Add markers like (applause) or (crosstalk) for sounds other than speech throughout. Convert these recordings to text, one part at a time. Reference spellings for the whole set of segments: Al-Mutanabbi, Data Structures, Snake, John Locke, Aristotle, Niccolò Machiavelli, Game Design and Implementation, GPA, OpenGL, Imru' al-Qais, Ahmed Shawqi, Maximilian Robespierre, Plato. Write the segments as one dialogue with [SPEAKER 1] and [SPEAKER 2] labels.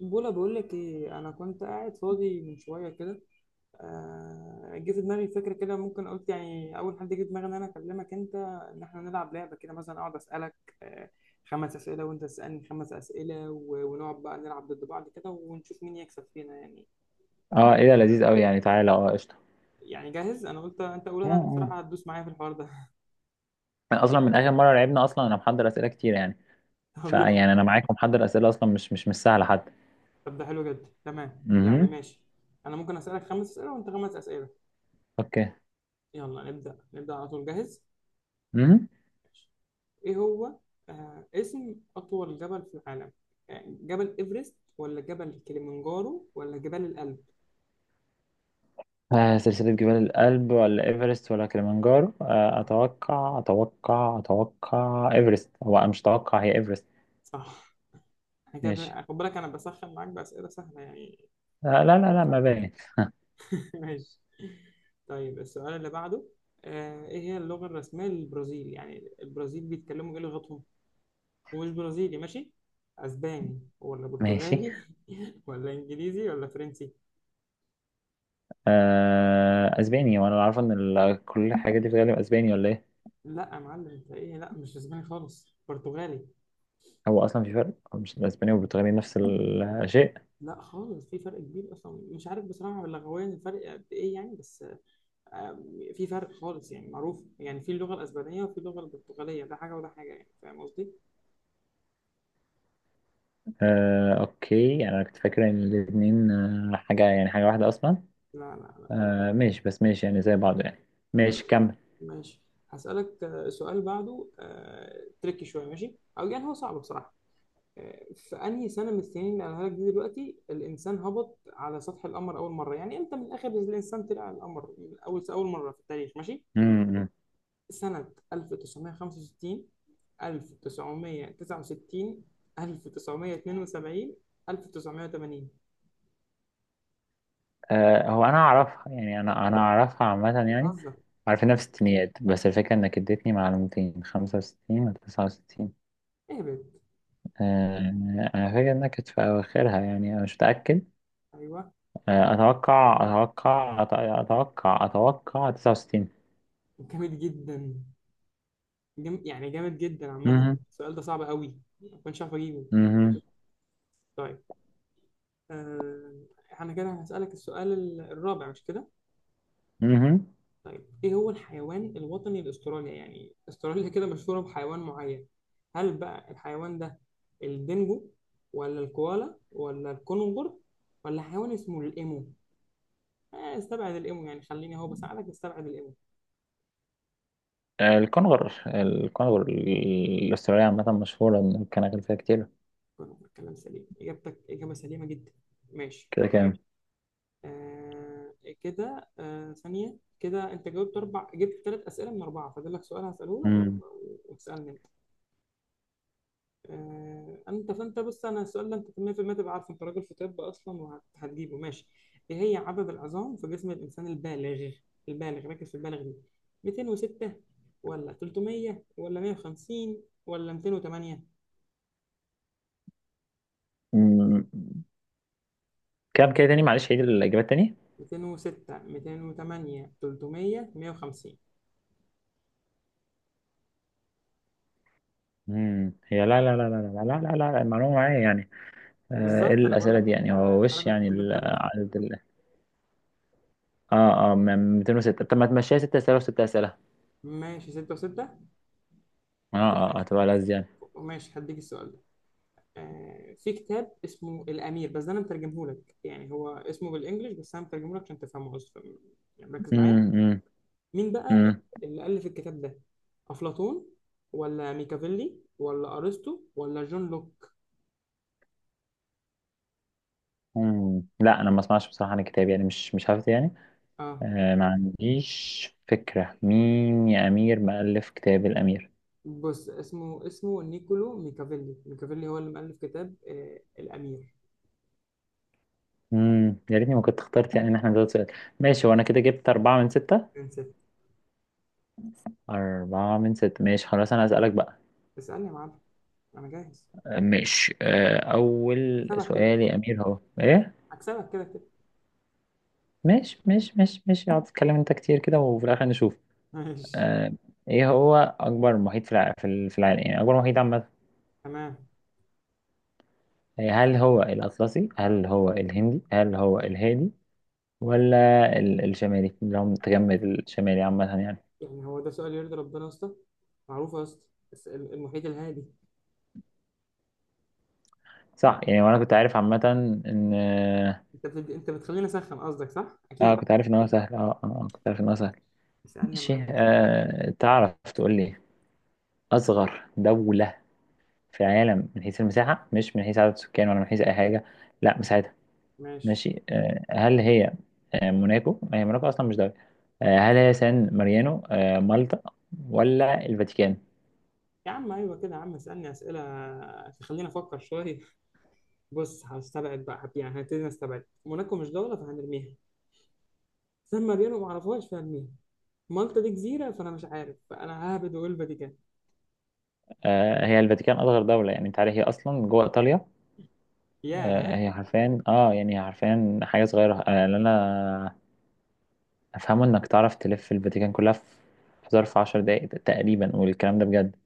[SPEAKER 1] بولا، بقول لك ايه، انا كنت قاعد فاضي من شويه كده. جه في دماغي فكره كده، ممكن قلت يعني اول حد جه في دماغي ان انا اكلمك انت، ان احنا نلعب لعبه كده، مثلا اقعد اسالك آه، خمس اسئله وانت تسالني خمس اسئله، ونقعد بقى نلعب ضد بعض كده ونشوف مين يكسب فينا يعني.
[SPEAKER 2] اه، ايه ده
[SPEAKER 1] قلت
[SPEAKER 2] لذيذ قوي، يعني تعالى قشطه.
[SPEAKER 1] يعني جاهز، انا قلت انت اول
[SPEAKER 2] اه،
[SPEAKER 1] واحد
[SPEAKER 2] اه.
[SPEAKER 1] بصراحه هتدوس معايا في الحوار ده.
[SPEAKER 2] أنا اصلا من اخر مره لعبنا، اصلا انا محضر اسئله كتير يعني.
[SPEAKER 1] (laughs) طب، يلا.
[SPEAKER 2] فيعني انا معاكم محضر اسئله اصلا مش سهله حتى.
[SPEAKER 1] طب، ده حلو جدا، تمام يعني
[SPEAKER 2] امم.
[SPEAKER 1] ماشي. انا ممكن اسالك خمس اسئله وانت خمس اسئله.
[SPEAKER 2] اوكي.
[SPEAKER 1] يلا نبدا نبدا على طول، جاهز؟
[SPEAKER 2] امم.
[SPEAKER 1] إيه هو؟ اسم أطول جبل في العالم؟ جبل إيفرست ولا جبل كليمنجارو ولا جبال الألب؟
[SPEAKER 2] آه، سلسله جبال الألب ولا ايفرست ولا كليمنجارو؟
[SPEAKER 1] آه،
[SPEAKER 2] اتوقع ايفرست. هو أنا مش اتوقع، هي ايفرست.
[SPEAKER 1] صح. أنا
[SPEAKER 2] ماشي.
[SPEAKER 1] كده خد بالك، أنا بسخن معاك بأسئلة سهلة يعني.
[SPEAKER 2] آه، لا
[SPEAKER 1] ما
[SPEAKER 2] لا لا،
[SPEAKER 1] تعودش على
[SPEAKER 2] ما
[SPEAKER 1] كده.
[SPEAKER 2] باين.
[SPEAKER 1] (laughs) ماشي. طيب، السؤال اللي بعده. إيه هي اللغة الرسمية للبرازيل؟ يعني البرازيل بيتكلموا إيه لغتهم؟ ومش برازيلي ماشي؟ أسباني ولا
[SPEAKER 2] ماشي.
[SPEAKER 1] برتغالي (laughs) ولا إنجليزي ولا فرنسي؟
[SPEAKER 2] آه، اسباني. وانا عارف ان كل الحاجات دي بتتكلم اسباني، ولا ايه؟
[SPEAKER 1] لا يا معلم، أنت إيه، لا مش أسباني خالص، برتغالي.
[SPEAKER 2] هو اصلا في فرق؟ هو مش الاسباني والبرتغالي نفس الشيء؟
[SPEAKER 1] لا خالص، في فرق كبير اصلا، مش عارف بصراحه لغويا الفرق قد ايه يعني بس. آم، في فرق خالص يعني معروف، يعني في اللغه الاسبانيه وفي اللغه البرتغاليه، ده حاجه وده حاجه، يعني فاهم قصدي؟
[SPEAKER 2] آه، اوكي. يعني انا كنت فاكر ان الاثنين حاجه، يعني حاجه واحده اصلا.
[SPEAKER 1] لا، لا، لا.
[SPEAKER 2] آه، ماشي. بس ماشي يعني، زي بعض يعني. ماشي، كمل.
[SPEAKER 1] ماشي، هسألك سؤال بعده، تريكي شويه، ماشي او يعني هو صعب بصراحه. في انهي سنه من السنين اللي قالها لك دي دلوقتي الانسان هبط على سطح القمر اول مره، يعني امتى من الاخر الانسان طلع على القمر من اول اول مره في التاريخ، ماشي؟
[SPEAKER 2] امم.
[SPEAKER 1] سنة 1965، 1969، 1972، 1980؟
[SPEAKER 2] آه، هو انا اعرفها يعني، انا اعرفها عامه يعني.
[SPEAKER 1] بتهزر؟
[SPEAKER 2] عارف انها في الستينيات، بس الفكره انك اديتني معلومتين، 65 و 69.
[SPEAKER 1] اهبط.
[SPEAKER 2] آه، انا فاكر انها كانت في اواخرها، يعني انا مش متاكد.
[SPEAKER 1] ايوه.
[SPEAKER 2] اتوقع اتوقع أت- اتوقع اتوقع 69.
[SPEAKER 1] جامد جدا. يعني جامد جدا عامة.
[SPEAKER 2] امم
[SPEAKER 1] السؤال ده صعب قوي، ما كنتش عارف اجيبه. ماشي. طيب. آه... احنا كده هسألك السؤال الرابع، مش كده؟
[SPEAKER 2] امم
[SPEAKER 1] طيب، ايه هو الحيوان الوطني لاستراليا؟ يعني استراليا كده مشهورة بحيوان معين. هل بقى الحيوان ده الدينجو، ولا الكوالا، ولا الكونغر، ولا حيوان اسمه الايمو؟ استبعد الايمو، يعني خليني اهو بساعدك، استبعد الايمو.
[SPEAKER 2] الكونغر الكونغر الأسترالية عامة مشهورة، إن كان غير كتير.
[SPEAKER 1] كونغر، كلام سليم، اجابتك اجابة سليمة جدا. ماشي.
[SPEAKER 2] كده كام؟
[SPEAKER 1] آه كده، ثانية كده، انت جاوبت اربع، جبت ثلاث اسئلة من اربعة، فاضل لك سؤال هسأله لك
[SPEAKER 2] مم.
[SPEAKER 1] وتسألني. فانت بص، انا السؤال ده انت 100% تبقى عارفه، انت راجل في طب اصلا وهتجيبه ماشي. ايه هي عدد العظام في جسم الانسان البالغ؟ البالغ، ركز في البالغ دي. 206، ولا 300، ولا 150، ولا 208؟
[SPEAKER 2] مم. كام كده تاني؟ معلش، عيد الإجابات تاني.
[SPEAKER 1] 206، 208، 300، 150.
[SPEAKER 2] مم. هي لا لا لا لا لا لا لا لا لا، المعلومة معايا يعني. آه، إيه
[SPEAKER 1] بالظبط، انا بقول
[SPEAKER 2] الأسئلة
[SPEAKER 1] لك
[SPEAKER 2] دي
[SPEAKER 1] انت
[SPEAKER 2] يعني؟ هو
[SPEAKER 1] انت
[SPEAKER 2] وش
[SPEAKER 1] راجل في
[SPEAKER 2] يعني
[SPEAKER 1] كليه الطب.
[SPEAKER 2] عدد اه، اه، 206. طب ما تمشيها 6 أسئلة و6 أسئلة.
[SPEAKER 1] ماشي، 6 و6.
[SPEAKER 2] اه،
[SPEAKER 1] طب،
[SPEAKER 2] اه، آه،
[SPEAKER 1] ماشي.
[SPEAKER 2] هتبقى لذ يعني.
[SPEAKER 1] ماشي، هديك السؤال. في كتاب اسمه الأمير، بس ده أنا مترجمه لك، يعني هو اسمه بالإنجلش، بس أنا مترجمه لك عشان تفهمه، بس يعني ركز معايا.
[SPEAKER 2] مم. مم.
[SPEAKER 1] مين بقى
[SPEAKER 2] مم.
[SPEAKER 1] اللي ألف الكتاب ده؟ أفلاطون، ولا ميكافيلي، ولا أرسطو، ولا جون لوك؟
[SPEAKER 2] مم. لا أنا ما أسمعش بصراحة عن الكتاب، يعني مش حافظ يعني.
[SPEAKER 1] آه.
[SPEAKER 2] آه، ما عنديش فكرة مين يا أمير مؤلف كتاب الأمير.
[SPEAKER 1] بص، اسمه نيكولو ميكافيلي، ميكافيلي هو اللي مؤلف كتاب الأمير.
[SPEAKER 2] امم، يا ريتني ما كنت اخترت، يعني ان احنا نزود سؤال. ماشي، وانا كده جبت أربعة من ستة.
[SPEAKER 1] نسيت.
[SPEAKER 2] أربعة من ستة. ماشي خلاص، أنا هسألك بقى.
[SPEAKER 1] اسألني يا معلم، أنا جاهز.
[SPEAKER 2] آه، ماشي. آه، أول
[SPEAKER 1] هكسبك كده كده.
[SPEAKER 2] سؤال يا أمير هو إيه؟
[SPEAKER 1] هكسبك كده كده.
[SPEAKER 2] ماشي ماشي ماشي ماشي. اقعد تتكلم أنت كتير كده، وفي الآخر نشوف.
[SPEAKER 1] ماشي.
[SPEAKER 2] آه، إيه هو أكبر محيط في العالم، يعني أكبر محيط عامة؟
[SPEAKER 1] تمام.
[SPEAKER 2] إيه، هل هو الأطلسي، هل هو الهندي، هل هو الهادي، ولا الشمالي، اللي هو متجمد الشمالي عامة يعني؟
[SPEAKER 1] يعني هو ده سؤال يرضي ربنا يا اسطى؟ معروفة يا اسطى. بس المحيط الهادي.
[SPEAKER 2] صح يعني، وأنا كنت عارف عامة. إن
[SPEAKER 1] انت بتخليني اسخن، قصدك صح؟
[SPEAKER 2] اه
[SPEAKER 1] اكيد.
[SPEAKER 2] كنت عارف ان هو سهل. اه، اه، كنت عارف ان هو سهل.
[SPEAKER 1] اسالني يا
[SPEAKER 2] ماشي.
[SPEAKER 1] معلم.
[SPEAKER 2] آه، تعرف تقول لي اصغر دولة في العالم من حيث المساحة، مش من حيث عدد السكان ولا من حيث اي حاجة. لا، مساحتها.
[SPEAKER 1] ماشي
[SPEAKER 2] ماشي. آه، هل هي، آه، موناكو؟ ما هي موناكو اصلا مش دولة. آه، هل هي سان ماريانو، آه، مالطا، ولا الفاتيكان؟
[SPEAKER 1] يا عم، ايوه كده يا عم، اسالني اسئله تخليني افكر شويه. بص، هستبعد بقى، يعني هبتدي نستبعد موناكو، مش دوله فهنرميها. سان مارينو ما اعرفهاش فهرميها. مالطا دي جزيره، فانا مش عارف، فانا ههبد واقول فاتيكان.
[SPEAKER 2] آه، هي الفاتيكان اصغر دولة يعني. انت عارف هي اصلا جوه ايطاليا؟ آه،
[SPEAKER 1] ياه.
[SPEAKER 2] هي حرفيا، يعني هي حرفيا حاجة صغيرة. آه، لا لا. افهمه انك تعرف تلف الفاتيكان كلها في في ظرف 10 دقايق تقريبا، والكلام ده بجد.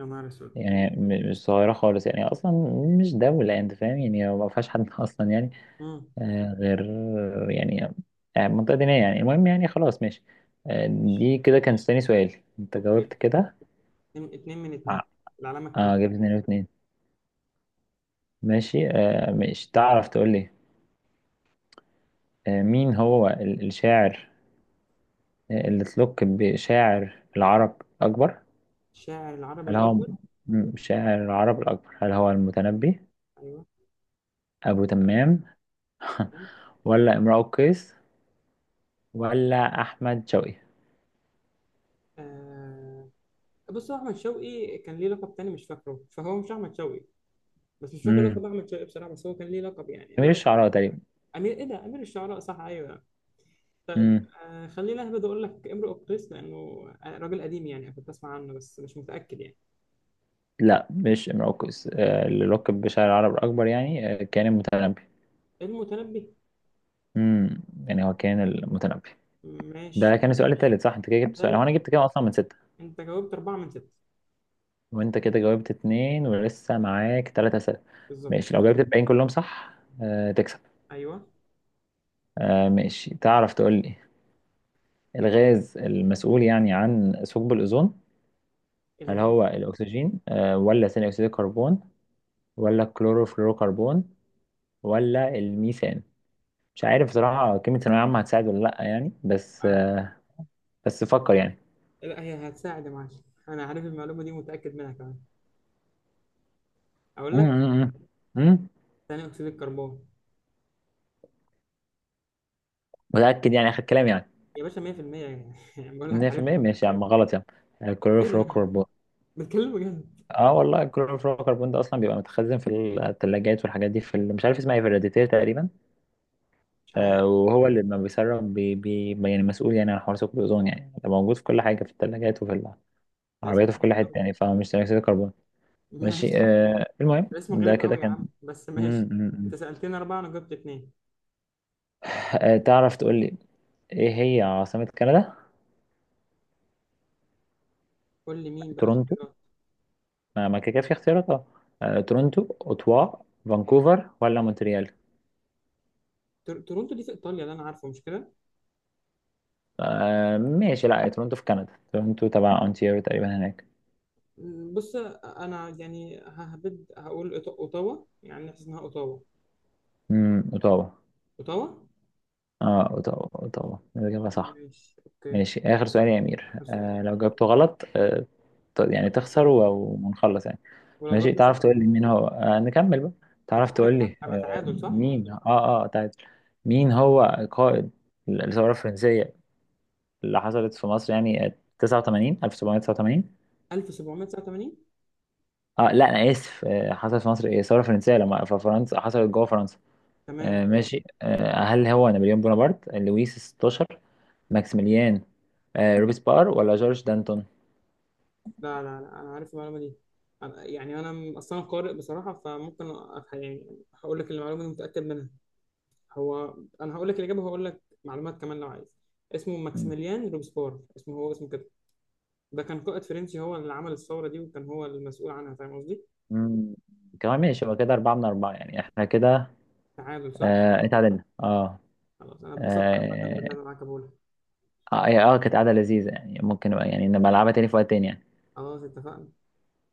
[SPEAKER 1] يا نهار اسود.
[SPEAKER 2] يعني مش صغيرة خالص يعني أصلا. مش دولة، أنت فاهم يعني؟ ما فيهاش حد (laughs) أصلا يعني.
[SPEAKER 1] امم.
[SPEAKER 2] آه، غير يعني، آه، منطقة دينية يعني. المهم يعني خلاص، ماشي. آه،
[SPEAKER 1] ماشي.
[SPEAKER 2] دي كده كان تاني سؤال أنت
[SPEAKER 1] اوكي.
[SPEAKER 2] جاوبت كده.
[SPEAKER 1] اتنين، اتنين من
[SPEAKER 2] ع-
[SPEAKER 1] اتنين. العلامه
[SPEAKER 2] اه،
[SPEAKER 1] الكامله.
[SPEAKER 2] جبت اتنين واتنين. ماشي. آه، مش تعرف تقول لي، آه، مين هو الشاعر، آه، اللي تلوك بشاعر العرب أكبر؟
[SPEAKER 1] الشاعر العربي
[SPEAKER 2] هل هو
[SPEAKER 1] الاكبر.
[SPEAKER 2] شاعر العرب الأكبر، هل هو المتنبي،
[SPEAKER 1] ايوه.
[SPEAKER 2] أبو تمام (laughs)
[SPEAKER 1] تمام.
[SPEAKER 2] ولا امرؤ القيس، ولا أحمد شوقي؟
[SPEAKER 1] آه... بص، هو احمد شوقي كان ليه لقب تاني مش فاكره، فهو مش احمد شوقي. بس مش فاكر
[SPEAKER 2] امم،
[SPEAKER 1] لقب احمد شوقي بصراحه، بس هو كان ليه لقب يعني.
[SPEAKER 2] أمير الشعراء تقريبا.
[SPEAKER 1] امير ايه ده؟ امير الشعراء، صح، ايوه. طيب.
[SPEAKER 2] امم.
[SPEAKER 1] خليني اهبد اقول لك امرؤ القيس، لانه راجل قديم يعني، كنت اسمع عنه بس مش متاكد يعني.
[SPEAKER 2] لا مش امرؤ القيس. آه، اللي لقب بشاعر العرب الأكبر يعني، آه، كان المتنبي.
[SPEAKER 1] المتنبي.
[SPEAKER 2] امم. يعني هو كان المتنبي.
[SPEAKER 1] ماشي.
[SPEAKER 2] ده كان السؤال التالت صح. انت كده جبت سؤال. هو انا
[SPEAKER 1] ثالث.
[SPEAKER 2] جبت كام اصلا من ستة؟
[SPEAKER 1] انت جاوبت اربعه من سته.
[SPEAKER 2] وانت كده جاوبت اتنين، ولسه معاك تلاتة اسئلة.
[SPEAKER 1] بالظبط.
[SPEAKER 2] ماشي، لو جاوبت الباقيين كلهم صح، آه، تكسب.
[SPEAKER 1] ايوه.
[SPEAKER 2] آه ماشي، تعرف تقول لي الغاز المسؤول يعني عن ثقب الأوزون، هل
[SPEAKER 1] الغيب.
[SPEAKER 2] هو الأكسجين، آه، ولا ثاني أكسيد الكربون، ولا الكلوروفلوروكربون، ولا الميثان؟ مش عارف بصراحة. كلمة ثانوية عامة هتساعد ولا لأ يعني، بس
[SPEAKER 1] اه،
[SPEAKER 2] آه، بس فكر يعني.
[SPEAKER 1] لا هي هتساعد يا معلم. انا عارف المعلومه دي، متاكد منها كمان. اقول
[SPEAKER 2] مم.
[SPEAKER 1] لك.
[SPEAKER 2] مم. مم. مم.
[SPEAKER 1] ثاني اكسيد الكربون.
[SPEAKER 2] متأكد يعني آخر كلام يعني؟
[SPEAKER 1] يا باشا 100% يعني، (laughs) بقول لك عارفها.
[SPEAKER 2] 100%؟ ماشي يا عم، غلط يا عم،
[SPEAKER 1] ايه ده؟
[SPEAKER 2] الكلوروفلوروكربون.
[SPEAKER 1] بتكلم بجد؟
[SPEAKER 2] اه والله، الكلوروفلوروكربون ده اصلا بيبقى متخزن في الثلاجات والحاجات دي، في مش عارف اسمها ايه، في الراديتير تقريبا.
[SPEAKER 1] مش عارف.
[SPEAKER 2] آه، وهو اللي لما بيسرب بي يعني مسؤول يعني عن حوار ثقب الأوزون، يعني ده موجود في كل حاجة، في الثلاجات، وفي
[SPEAKER 1] ده
[SPEAKER 2] العربيات
[SPEAKER 1] اسمه
[SPEAKER 2] وفي كل
[SPEAKER 1] غريب
[SPEAKER 2] حتة
[SPEAKER 1] قوي.
[SPEAKER 2] يعني. فمش ثاني أكسيد الكربون. ماشي.
[SPEAKER 1] ماشي.
[SPEAKER 2] آه، المهم
[SPEAKER 1] اسم
[SPEAKER 2] ده
[SPEAKER 1] غريب
[SPEAKER 2] كده
[SPEAKER 1] قوي يا
[SPEAKER 2] كان.
[SPEAKER 1] عم، بس
[SPEAKER 2] مم.
[SPEAKER 1] ماشي.
[SPEAKER 2] مم.
[SPEAKER 1] انت
[SPEAKER 2] مم.
[SPEAKER 1] سألتني أربعة أنا جبت اتنين.
[SPEAKER 2] آه، تعرف تقول لي إيه هي عاصمة كندا؟
[SPEAKER 1] قول لي مين بقى
[SPEAKER 2] تورونتو.
[SPEAKER 1] اختيارات.
[SPEAKER 2] ما ما كده كده في اختيارات أه. آه، تورونتو، أوتوا، فانكوفر، ولا مونتريال؟
[SPEAKER 1] تورونتو دي في إيطاليا اللي أنا عارفه، مش كده؟
[SPEAKER 2] آه ماشي، لا تورونتو في كندا، تورونتو تبع أونتاريو تقريبا هناك.
[SPEAKER 1] بص، أنا يعني ههبد هقول أوتاوا، يعني نحس إنها أوتاوا.
[SPEAKER 2] امم، أوتاوا.
[SPEAKER 1] أوتاوا.
[SPEAKER 2] اه، أوتاوا. أوتاوا الإجابة صح.
[SPEAKER 1] ماشي، أوكي.
[SPEAKER 2] ماشي، آخر سؤال يا أمير،
[SPEAKER 1] آخر سؤال.
[SPEAKER 2] آه، لو جاوبته غلط، آه، يعني
[SPEAKER 1] أنا
[SPEAKER 2] تخسر
[SPEAKER 1] خسرت.
[SPEAKER 2] ونخلص يعني.
[SPEAKER 1] ولو
[SPEAKER 2] ماشي،
[SPEAKER 1] جبت صح
[SPEAKER 2] تعرف تقول لي مين هو، آه، نكمل بقى. تعرف
[SPEAKER 1] هتعادل؟
[SPEAKER 2] تقول لي،
[SPEAKER 1] هبقى
[SPEAKER 2] آه،
[SPEAKER 1] تعادل، صح؟
[SPEAKER 2] مين. اه تعال، مين هو قائد الثورة الفرنسية، اللي حصلت في مصر يعني، آه، 89، 1789؟
[SPEAKER 1] 1789.
[SPEAKER 2] اه لا، أنا آسف. آه، حصلت في مصر إيه الثورة الفرنسية، لما في فرنسا حصلت جوه فرنسا.
[SPEAKER 1] تمام،
[SPEAKER 2] آه
[SPEAKER 1] قول.
[SPEAKER 2] ماشي. آه، هل هو نابليون بونابرت، لويس 16، ماكسيميليان، آه، روبسبار، ولا جورج دانتون؟
[SPEAKER 1] لا، لا، لا، أنا عارف المعلومة دي. يعني أنا أصلا قارئ بصراحة، فممكن يعني هقول لك المعلومة دي متأكد منها. هو، انا هقول لك الاجابه وهقول لك معلومات كمان لو عايز. اسمه ماكسيميليان روبسبور، اسمه هو اسمه كده. ده كان قائد فرنسي، هو اللي عمل الثوره دي وكان هو المسؤول عنها، فاهم قصدي؟
[SPEAKER 2] مم. كمان ماشي، يبقى كده أربعة من أربعة يعني، احنا كده
[SPEAKER 1] تعادل، صح؟
[SPEAKER 2] آه، اتعادلنا اه.
[SPEAKER 1] خلاص، انا اتبسطت عامه
[SPEAKER 2] اه،
[SPEAKER 1] باللعب معاك يا بولا.
[SPEAKER 2] آه، آه كانت قعدة لذيذة يعني. ممكن يعني نبقى نلعبها تاني في وقت تاني يعني.
[SPEAKER 1] خلاص، اتفقنا.